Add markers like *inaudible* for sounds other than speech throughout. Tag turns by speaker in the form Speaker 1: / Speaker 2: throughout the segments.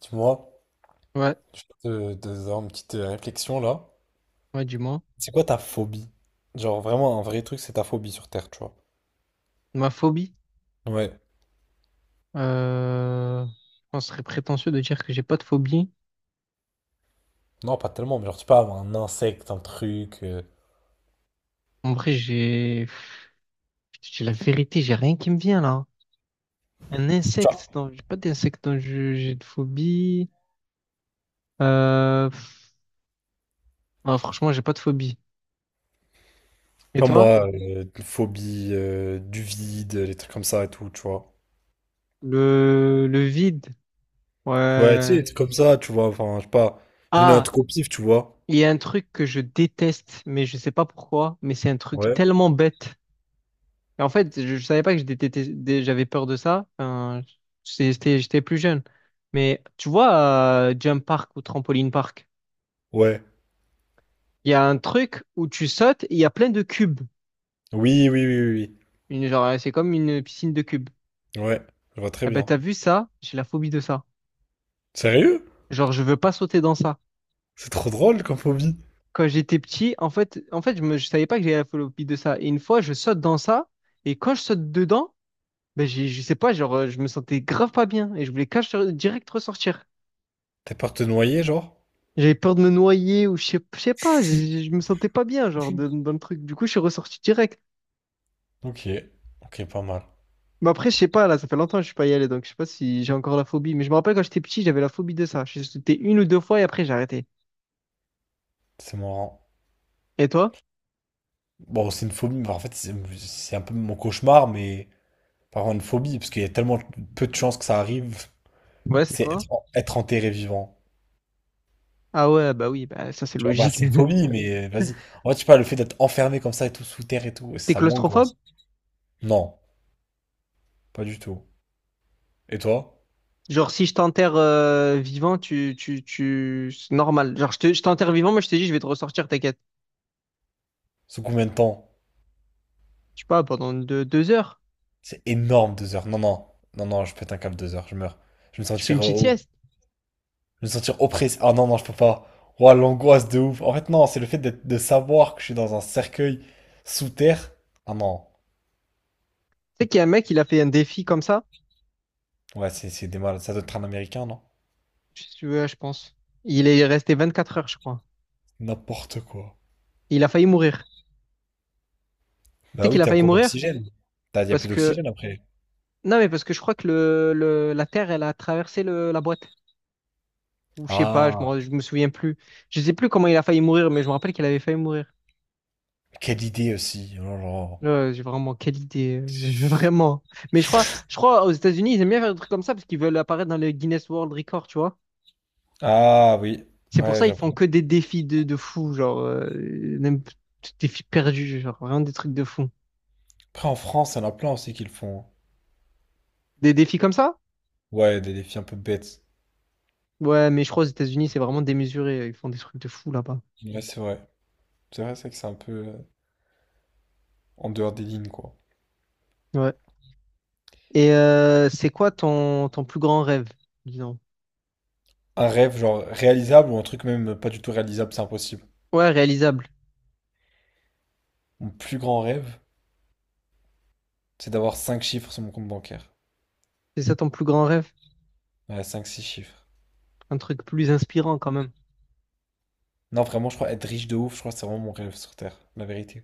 Speaker 1: Dis-moi,
Speaker 2: Ouais,
Speaker 1: je vais te faire une petite réflexion là.
Speaker 2: ouais, du moins.
Speaker 1: C'est quoi ta phobie? Genre vraiment un vrai truc, c'est ta phobie sur Terre, tu vois.
Speaker 2: Ma phobie,
Speaker 1: Ouais.
Speaker 2: je pense que ce serait prétentieux de dire que j'ai pas de phobie.
Speaker 1: Non, pas tellement, mais genre tu peux avoir un insecte, un truc,
Speaker 2: En vrai, j'ai la vérité, j'ai rien qui me vient là. Un
Speaker 1: tu vois.
Speaker 2: insecte, non, j'ai pas d'insecte dont je- j'ai de phobie. Euh, pff, non, franchement, j'ai pas de phobie. Et
Speaker 1: Pas
Speaker 2: toi?
Speaker 1: moi, une phobie du vide, les trucs comme ça et tout, tu vois.
Speaker 2: Le vide,
Speaker 1: Ouais, tu sais,
Speaker 2: ouais.
Speaker 1: des trucs comme ça, tu vois. Enfin, je sais pas. J'ai donné un
Speaker 2: Ah,
Speaker 1: truc au pif, tu vois.
Speaker 2: il y a un truc que je déteste, mais je sais pas pourquoi, mais c'est un truc
Speaker 1: Ouais.
Speaker 2: tellement bête. Et en fait, je savais pas que j'avais peur de ça. Enfin, j'étais plus jeune. Mais tu vois, Jump Park ou Trampoline Park,
Speaker 1: Ouais.
Speaker 2: il y a un truc où tu sautes et il y a plein de cubes.
Speaker 1: Oui, oui, oui, oui.
Speaker 2: Genre, c'est comme une piscine de cubes.
Speaker 1: Oui. Ouais, je vois très
Speaker 2: Eh ben,
Speaker 1: bien.
Speaker 2: t'as vu ça? J'ai la phobie de ça.
Speaker 1: Sérieux?
Speaker 2: Genre, je veux pas sauter dans ça.
Speaker 1: C'est trop drôle comme phobie.
Speaker 2: Quand j'étais petit, en fait, je savais pas que j'avais la phobie de ça. Et une fois, je saute dans ça et quand je saute dedans, ben, je sais pas, genre, je me sentais grave pas bien et je voulais cache direct ressortir.
Speaker 1: T'as peur de te noyer, genre?
Speaker 2: J'avais peur de me noyer ou je sais pas, je me sentais pas bien, genre, dans le truc. Du coup, je suis ressorti direct.
Speaker 1: Ok. Ok, pas mal.
Speaker 2: Mais après, je sais pas, là, ça fait longtemps que je suis pas y allé, donc je sais pas si j'ai encore la phobie. Mais je me rappelle quand j'étais petit, j'avais la phobie de ça. J'ai C'était une ou deux fois et après, j'ai arrêté.
Speaker 1: C'est marrant.
Speaker 2: Et toi?
Speaker 1: Bon, c'est une phobie, mais en fait, c'est un peu mon cauchemar, mais pas vraiment une phobie, parce qu'il y a tellement peu de chances que ça arrive.
Speaker 2: Ouais, c'est
Speaker 1: C'est
Speaker 2: quoi?
Speaker 1: être enterré vivant.
Speaker 2: Ah ouais, bah oui, bah ça c'est
Speaker 1: Tu vois, bah,
Speaker 2: logique.
Speaker 1: c'est une
Speaker 2: *laughs*
Speaker 1: phobie, mais vas-y. En fait, je sais pas, le fait d'être enfermé comme ça et tout sous terre et tout,
Speaker 2: T'es
Speaker 1: ça
Speaker 2: claustrophobe?
Speaker 1: m'angoisse. Non, pas du tout. Et toi?
Speaker 2: Genre, si je t'enterre vivant, c'est normal. Genre, je t'enterre vivant, moi je te dis, je vais te ressortir, t'inquiète.
Speaker 1: Sous combien de temps?
Speaker 2: Je sais pas, pendant 2 heures,
Speaker 1: C'est énorme, 2 heures. Non, non, non, non, je pète un câble 2 heures, je meurs. Je vais me
Speaker 2: tu fais une
Speaker 1: sentir,
Speaker 2: petite
Speaker 1: oh,
Speaker 2: sieste.
Speaker 1: je vais me sentir oppressé. Ah non, non, je peux pas. Ouah, l'angoisse de ouf. En fait, non, c'est le fait de savoir que je suis dans un cercueil sous terre. Ah non.
Speaker 2: Tu sais qu'il y a un mec, il a fait un défi comme ça.
Speaker 1: Ouais, c'est des malades. Ça doit être un Américain, non?
Speaker 2: Si tu veux, je pense. Il est resté 24 heures, je crois.
Speaker 1: N'importe quoi.
Speaker 2: Il a failli mourir. Tu
Speaker 1: Bah
Speaker 2: sais
Speaker 1: oui,
Speaker 2: qu'il a
Speaker 1: t'es en
Speaker 2: failli
Speaker 1: cours
Speaker 2: mourir?
Speaker 1: d'oxygène. Y a
Speaker 2: Parce
Speaker 1: plus
Speaker 2: que.
Speaker 1: d'oxygène après.
Speaker 2: Non, mais parce que je crois que la Terre, elle a traversé la boîte. Ou je sais pas,
Speaker 1: Ah,
Speaker 2: je me souviens plus. Je sais plus comment il a failli mourir, mais je me rappelle qu'il avait failli mourir.
Speaker 1: quelle idée aussi. Oh là là.
Speaker 2: Là, j'ai vraiment, quelle idée. *laughs* Vraiment. Mais je crois aux États-Unis, ils aiment bien faire des trucs comme ça parce qu'ils veulent apparaître dans le Guinness World Record, tu vois.
Speaker 1: Ah oui,
Speaker 2: C'est pour
Speaker 1: ouais,
Speaker 2: ça
Speaker 1: j'ai
Speaker 2: ils
Speaker 1: appris.
Speaker 2: font que des défis de fous, genre, même des défis perdus, genre, vraiment des trucs de fous.
Speaker 1: Après, en France, il y en a plein aussi qui le font, hein.
Speaker 2: Des défis comme ça?
Speaker 1: Ouais, des défis un peu bêtes.
Speaker 2: Ouais, mais je crois aux États-Unis, c'est vraiment démesuré. Ils font des trucs de fou là-bas.
Speaker 1: Ouais, c'est vrai. C'est vrai, c'est vrai que c'est un peu en dehors des lignes, quoi.
Speaker 2: Ouais. Et c'est quoi ton, plus grand rêve, disons?
Speaker 1: Un rêve, genre réalisable ou un truc même pas du tout réalisable, c'est impossible.
Speaker 2: Ouais, réalisable.
Speaker 1: Mon plus grand rêve, c'est d'avoir 5 chiffres sur mon compte bancaire.
Speaker 2: C'est ça ton plus grand rêve?
Speaker 1: Ouais, 5-6 chiffres.
Speaker 2: Un truc plus inspirant quand même.
Speaker 1: Non, vraiment, je crois être riche de ouf, je crois que c'est vraiment mon rêve sur Terre, la vérité.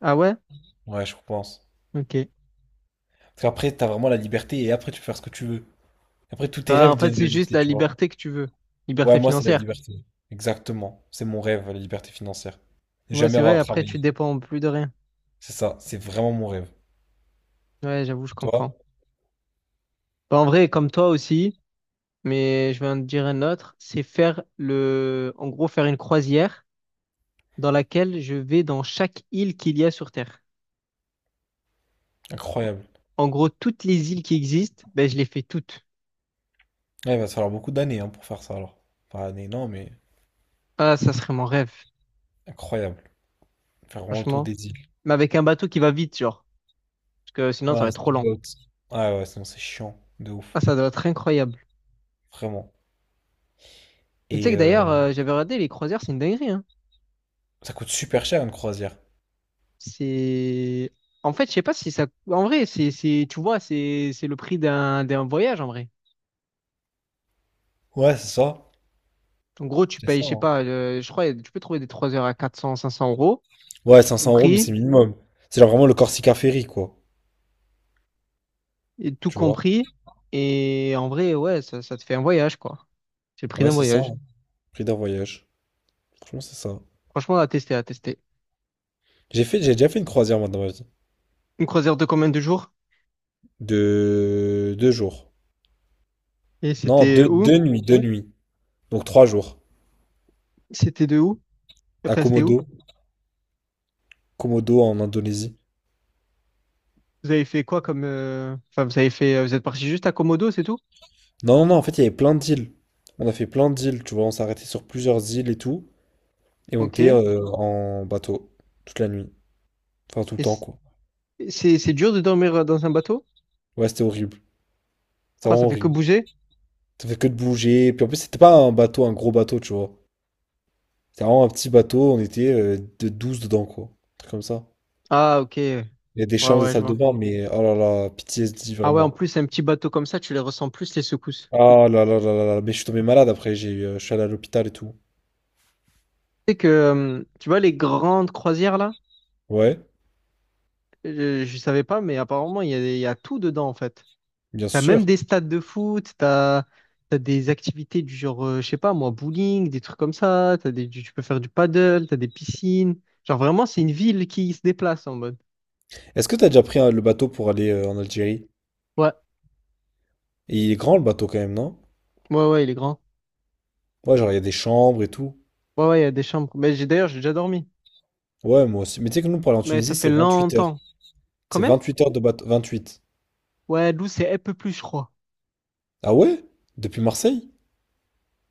Speaker 2: Ah ouais?
Speaker 1: Ouais, je pense.
Speaker 2: Ok.
Speaker 1: Parce qu'après, t'as vraiment la liberté et après, tu peux faire ce que tu veux. Après, tous tes
Speaker 2: Ah,
Speaker 1: rêves
Speaker 2: en fait,
Speaker 1: deviennent
Speaker 2: c'est juste
Speaker 1: réalité,
Speaker 2: la
Speaker 1: tu vois.
Speaker 2: liberté que tu veux. Liberté
Speaker 1: Ouais, moi, c'est la
Speaker 2: financière.
Speaker 1: liberté. Exactement. C'est mon rêve, la liberté financière. Ne
Speaker 2: Ouais,
Speaker 1: jamais
Speaker 2: c'est
Speaker 1: avoir
Speaker 2: vrai,
Speaker 1: à
Speaker 2: après, tu
Speaker 1: travailler.
Speaker 2: dépends plus de rien.
Speaker 1: C'est ça, c'est vraiment mon rêve.
Speaker 2: Ouais, j'avoue, je
Speaker 1: Et
Speaker 2: comprends.
Speaker 1: toi?
Speaker 2: Bah, en vrai, comme toi aussi, mais je vais en dire un autre, c'est en gros, faire une croisière dans laquelle je vais dans chaque île qu'il y a sur Terre.
Speaker 1: Incroyable.
Speaker 2: En gros, toutes les îles qui existent, ben, je les fais toutes.
Speaker 1: Ouais, il va te falloir beaucoup d'années, hein, pour faire ça alors. Pas années, non, mais
Speaker 2: Ah, ça serait mon rêve,
Speaker 1: incroyable. Faire vraiment le tour
Speaker 2: franchement.
Speaker 1: des îles.
Speaker 2: Mais avec un bateau qui va vite, genre. Parce que sinon,
Speaker 1: Ouais,
Speaker 2: ça va
Speaker 1: un
Speaker 2: être trop lent.
Speaker 1: speedboat. Ouais, ouais, sinon c'est chiant. De
Speaker 2: Ah,
Speaker 1: ouf.
Speaker 2: ça doit être incroyable.
Speaker 1: Vraiment.
Speaker 2: Mais tu sais
Speaker 1: Et
Speaker 2: que d'ailleurs, j'avais regardé les croisières, c'est une dinguerie, hein.
Speaker 1: ça coûte super cher une croisière.
Speaker 2: C'est... En fait, je sais pas si ça... En vrai, tu vois, c'est le prix d'un voyage, en vrai.
Speaker 1: Ouais, c'est ça.
Speaker 2: En gros, tu
Speaker 1: C'est
Speaker 2: payes,
Speaker 1: ça,
Speaker 2: je sais
Speaker 1: hein.
Speaker 2: pas, je crois, tu peux trouver des 3 heures à 400, 500 euros,
Speaker 1: Ouais,
Speaker 2: tout
Speaker 1: 500 euros, mais c'est
Speaker 2: compris,
Speaker 1: minimum. C'est genre vraiment le Corsica Ferry, quoi.
Speaker 2: tout
Speaker 1: Tu vois?
Speaker 2: compris. Et en vrai, ouais, ça te fait un voyage, quoi. C'est le prix
Speaker 1: Ouais,
Speaker 2: d'un
Speaker 1: c'est ça,
Speaker 2: voyage.
Speaker 1: hein. Prix d'un voyage. Franchement, c'est ça.
Speaker 2: Franchement, à tester, à tester.
Speaker 1: J'ai déjà fait une croisière, moi, dans ma vie.
Speaker 2: Une croisière de combien de jours?
Speaker 1: De 2 jours.
Speaker 2: Et
Speaker 1: Non,
Speaker 2: c'était où?
Speaker 1: 2 nuits, 2 nuits. Donc 3 jours.
Speaker 2: C'était de où?
Speaker 1: À
Speaker 2: Enfin, c'était où?
Speaker 1: Komodo. Komodo, en Indonésie.
Speaker 2: Vous avez fait quoi comme... Enfin, vous avez fait... Vous êtes parti juste à Komodo, c'est tout?
Speaker 1: Non, non, non, en fait, il y avait plein d'îles. On a fait plein d'îles, tu vois. On s'est arrêté sur plusieurs îles et tout. Et on
Speaker 2: Ok.
Speaker 1: était
Speaker 2: Et
Speaker 1: en bateau. Toute la nuit. Enfin, tout le temps,
Speaker 2: c-
Speaker 1: quoi.
Speaker 2: c'est dur de dormir dans un bateau?
Speaker 1: Ouais, c'était horrible. C'était
Speaker 2: Pourquoi
Speaker 1: vraiment
Speaker 2: ça fait que
Speaker 1: horrible.
Speaker 2: bouger?
Speaker 1: Ça fait que de bouger. Puis en plus, c'était pas un bateau, un gros bateau, tu vois. C'était vraiment un petit bateau, on était de 12 dedans, quoi. Un truc comme ça.
Speaker 2: Ah, ok. Ouais,
Speaker 1: Il y a des chambres, des
Speaker 2: ouais, je
Speaker 1: salles de
Speaker 2: vois.
Speaker 1: bain, mais oh là là, PTSD
Speaker 2: Ah ouais, en
Speaker 1: vraiment.
Speaker 2: plus, un petit bateau comme ça, tu les ressens plus, les secousses.
Speaker 1: Ah là là là là là, mais je suis tombé malade après, je suis allé à l'hôpital et tout.
Speaker 2: Tu sais que... Tu vois, les grandes croisières, là?
Speaker 1: Ouais,
Speaker 2: Je, savais pas, mais apparemment, il y a tout dedans, en fait.
Speaker 1: bien
Speaker 2: T'as même
Speaker 1: sûr.
Speaker 2: des stades de foot, t'as des activités du genre, je sais pas moi, bowling, des trucs comme ça, tu peux faire du paddle, t'as des piscines. Genre vraiment, c'est une ville qui se déplace en mode.
Speaker 1: Est-ce que t'as déjà pris le bateau pour aller en Algérie?
Speaker 2: Ouais,
Speaker 1: Et il est grand le bateau quand même, non?
Speaker 2: ouais, ouais, il est grand.
Speaker 1: Ouais, genre il y a des chambres et tout.
Speaker 2: Ouais, ouais, il y a des chambres. Mais j'ai d'ailleurs, j'ai déjà dormi.
Speaker 1: Ouais, moi aussi. Mais tu sais que nous, pour aller en
Speaker 2: Mais ça
Speaker 1: Tunisie,
Speaker 2: fait
Speaker 1: c'est 28 heures.
Speaker 2: longtemps.
Speaker 1: C'est
Speaker 2: Combien?
Speaker 1: 28 heures de bateau. 28.
Speaker 2: Ouais, Lou c'est un peu plus, je crois.
Speaker 1: Ah ouais? Depuis Marseille?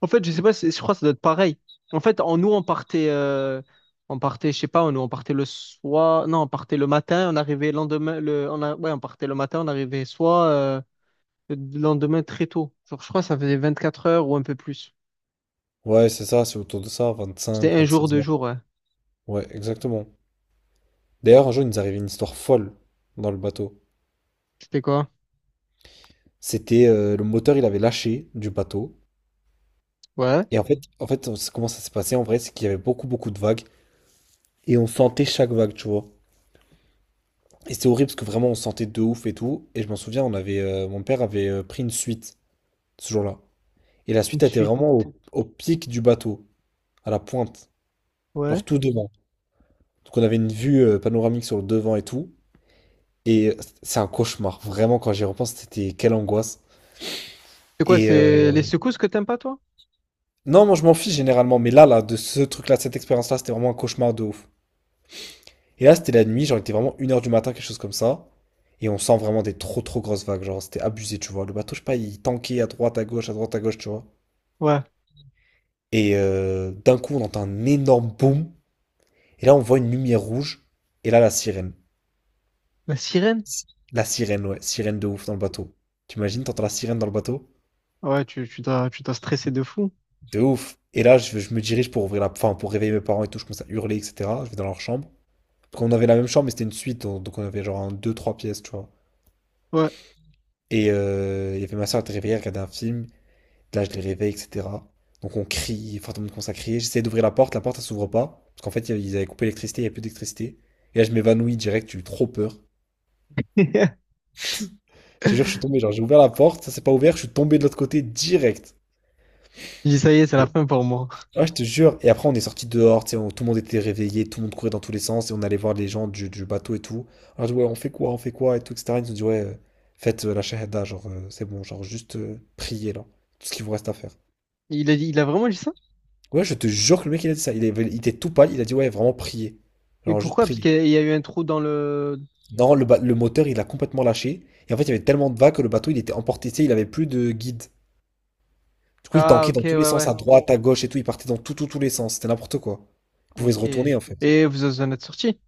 Speaker 2: En fait, je sais pas, je crois que ça doit être pareil. En fait, en nous, on partait, je sais pas, nous, on partait le soir, non, on partait le matin, on arrivait le lendemain, le, on a, ouais, on partait le matin, on arrivait soit. Le lendemain, très tôt. Genre, je crois que ça faisait 24 heures ou un peu plus.
Speaker 1: Ouais, c'est ça, c'est autour de ça,
Speaker 2: C'était
Speaker 1: 25,
Speaker 2: un jour,
Speaker 1: 26
Speaker 2: deux
Speaker 1: heures.
Speaker 2: jours, ouais.
Speaker 1: Ouais, exactement. D'ailleurs, un jour, il nous arrivait une histoire folle dans le bateau.
Speaker 2: C'était quoi?
Speaker 1: C'était le moteur, il avait lâché du bateau.
Speaker 2: Ouais.
Speaker 1: Et en fait, comment ça s'est passé en vrai, c'est qu'il y avait beaucoup, beaucoup de vagues. Et on sentait chaque vague, tu vois. Et c'était horrible parce que vraiment, on sentait de ouf et tout. Et je m'en souviens, mon père avait pris une suite ce jour-là. Et la
Speaker 2: Une
Speaker 1: suite a été
Speaker 2: suite.
Speaker 1: vraiment au pic du bateau, à la pointe, genre
Speaker 2: Ouais.
Speaker 1: tout devant. Donc on avait une vue panoramique sur le devant et tout. Et c'est un cauchemar, vraiment, quand j'y repense, c'était quelle angoisse.
Speaker 2: C'est quoi?
Speaker 1: Et
Speaker 2: C'est les secousses que t'aimes pas, toi?
Speaker 1: non, moi je m'en fiche généralement, mais là, de ce truc-là, de cette expérience-là, c'était vraiment un cauchemar de ouf. Et là, c'était la nuit, genre il était vraiment 1 heure du matin, quelque chose comme ça. Et on sent vraiment des trop trop grosses vagues, genre c'était abusé, tu vois. Le bateau, je sais pas, il tankait à droite, à gauche, à droite, à gauche, tu vois.
Speaker 2: Ouais.
Speaker 1: Et d'un coup, on entend un énorme boom. Et là, on voit une lumière rouge. Et là, la sirène.
Speaker 2: La sirène?
Speaker 1: La sirène, ouais, sirène de ouf dans le bateau. T'imagines, t'entends la sirène dans le bateau?
Speaker 2: Ouais, tu t'as stressé de fou.
Speaker 1: De ouf. Et là, je me dirige pour enfin, pour réveiller mes parents et tout, je commence à hurler, etc. Je vais dans leur chambre. Parce qu'on avait la même chambre, mais c'était une suite, donc on avait genre un, deux, trois pièces, tu vois.
Speaker 2: Ouais.
Speaker 1: Et il y avait ma soeur qui était réveillée, elle regardait un film. Là, je les réveille, etc. Donc on crie, enfin, tout le monde commence à crier. J'essaie d'ouvrir la porte, elle s'ouvre pas. Parce qu'en fait, ils avaient coupé l'électricité, il n'y avait plus d'électricité. Et là, je m'évanouis direct, j'ai eu trop peur.
Speaker 2: *laughs* J'ai
Speaker 1: Je te jure, je suis tombé, genre, j'ai ouvert la porte, ça s'est pas ouvert, je suis tombé de l'autre côté direct.
Speaker 2: dit, ça y est, c'est la fin pour moi.
Speaker 1: Ouais, je te jure. Et après, on est sorti dehors, tu sais, tout le monde était réveillé, tout le monde courait dans tous les sens, et on allait voir les gens du bateau et tout. On leur dit, ouais, on fait quoi, et tout, et cetera. Ils nous ont dit, ouais, faites la shahada, genre, c'est bon, genre, juste priez, là, tout ce qu'il vous reste à faire.
Speaker 2: Il a vraiment dit ça?
Speaker 1: Ouais, je te jure que le mec, il a dit ça. Il était tout pâle, il a dit, ouais, vraiment priez.
Speaker 2: Mais
Speaker 1: Genre, juste
Speaker 2: pourquoi? Parce
Speaker 1: priez.
Speaker 2: qu'il y a eu un trou dans le...
Speaker 1: Non, le moteur, il a complètement lâché. Et en fait, il y avait tellement de vagues que le bateau, il était emporté, tu sais, il avait plus de guide. Du coup, il
Speaker 2: Ah,
Speaker 1: tanquait
Speaker 2: ok,
Speaker 1: dans
Speaker 2: ouais,
Speaker 1: tous les sens,
Speaker 2: ouais.
Speaker 1: à droite, à gauche et tout, il partait dans tous les sens. C'était n'importe quoi. Il pouvait se
Speaker 2: Ok.
Speaker 1: retourner, en fait.
Speaker 2: Et vous en êtes sorti?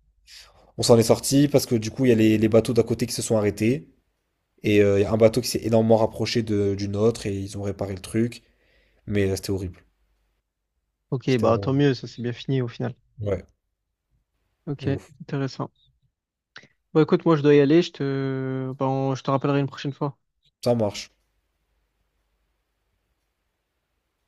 Speaker 1: On s'en est sorti parce que du coup, il y a les bateaux d'à côté qui se sont arrêtés. Et il y a un bateau qui s'est énormément rapproché d'une autre et ils ont réparé le truc. Mais c'était horrible.
Speaker 2: Ok,
Speaker 1: C'était
Speaker 2: bah tant
Speaker 1: vraiment.
Speaker 2: mieux, ça s'est bien fini au final.
Speaker 1: Ouais,
Speaker 2: Ok,
Speaker 1: de ouf.
Speaker 2: intéressant. Bah écoute, moi je dois y aller, bah, je te rappellerai une prochaine fois.
Speaker 1: Ça marche.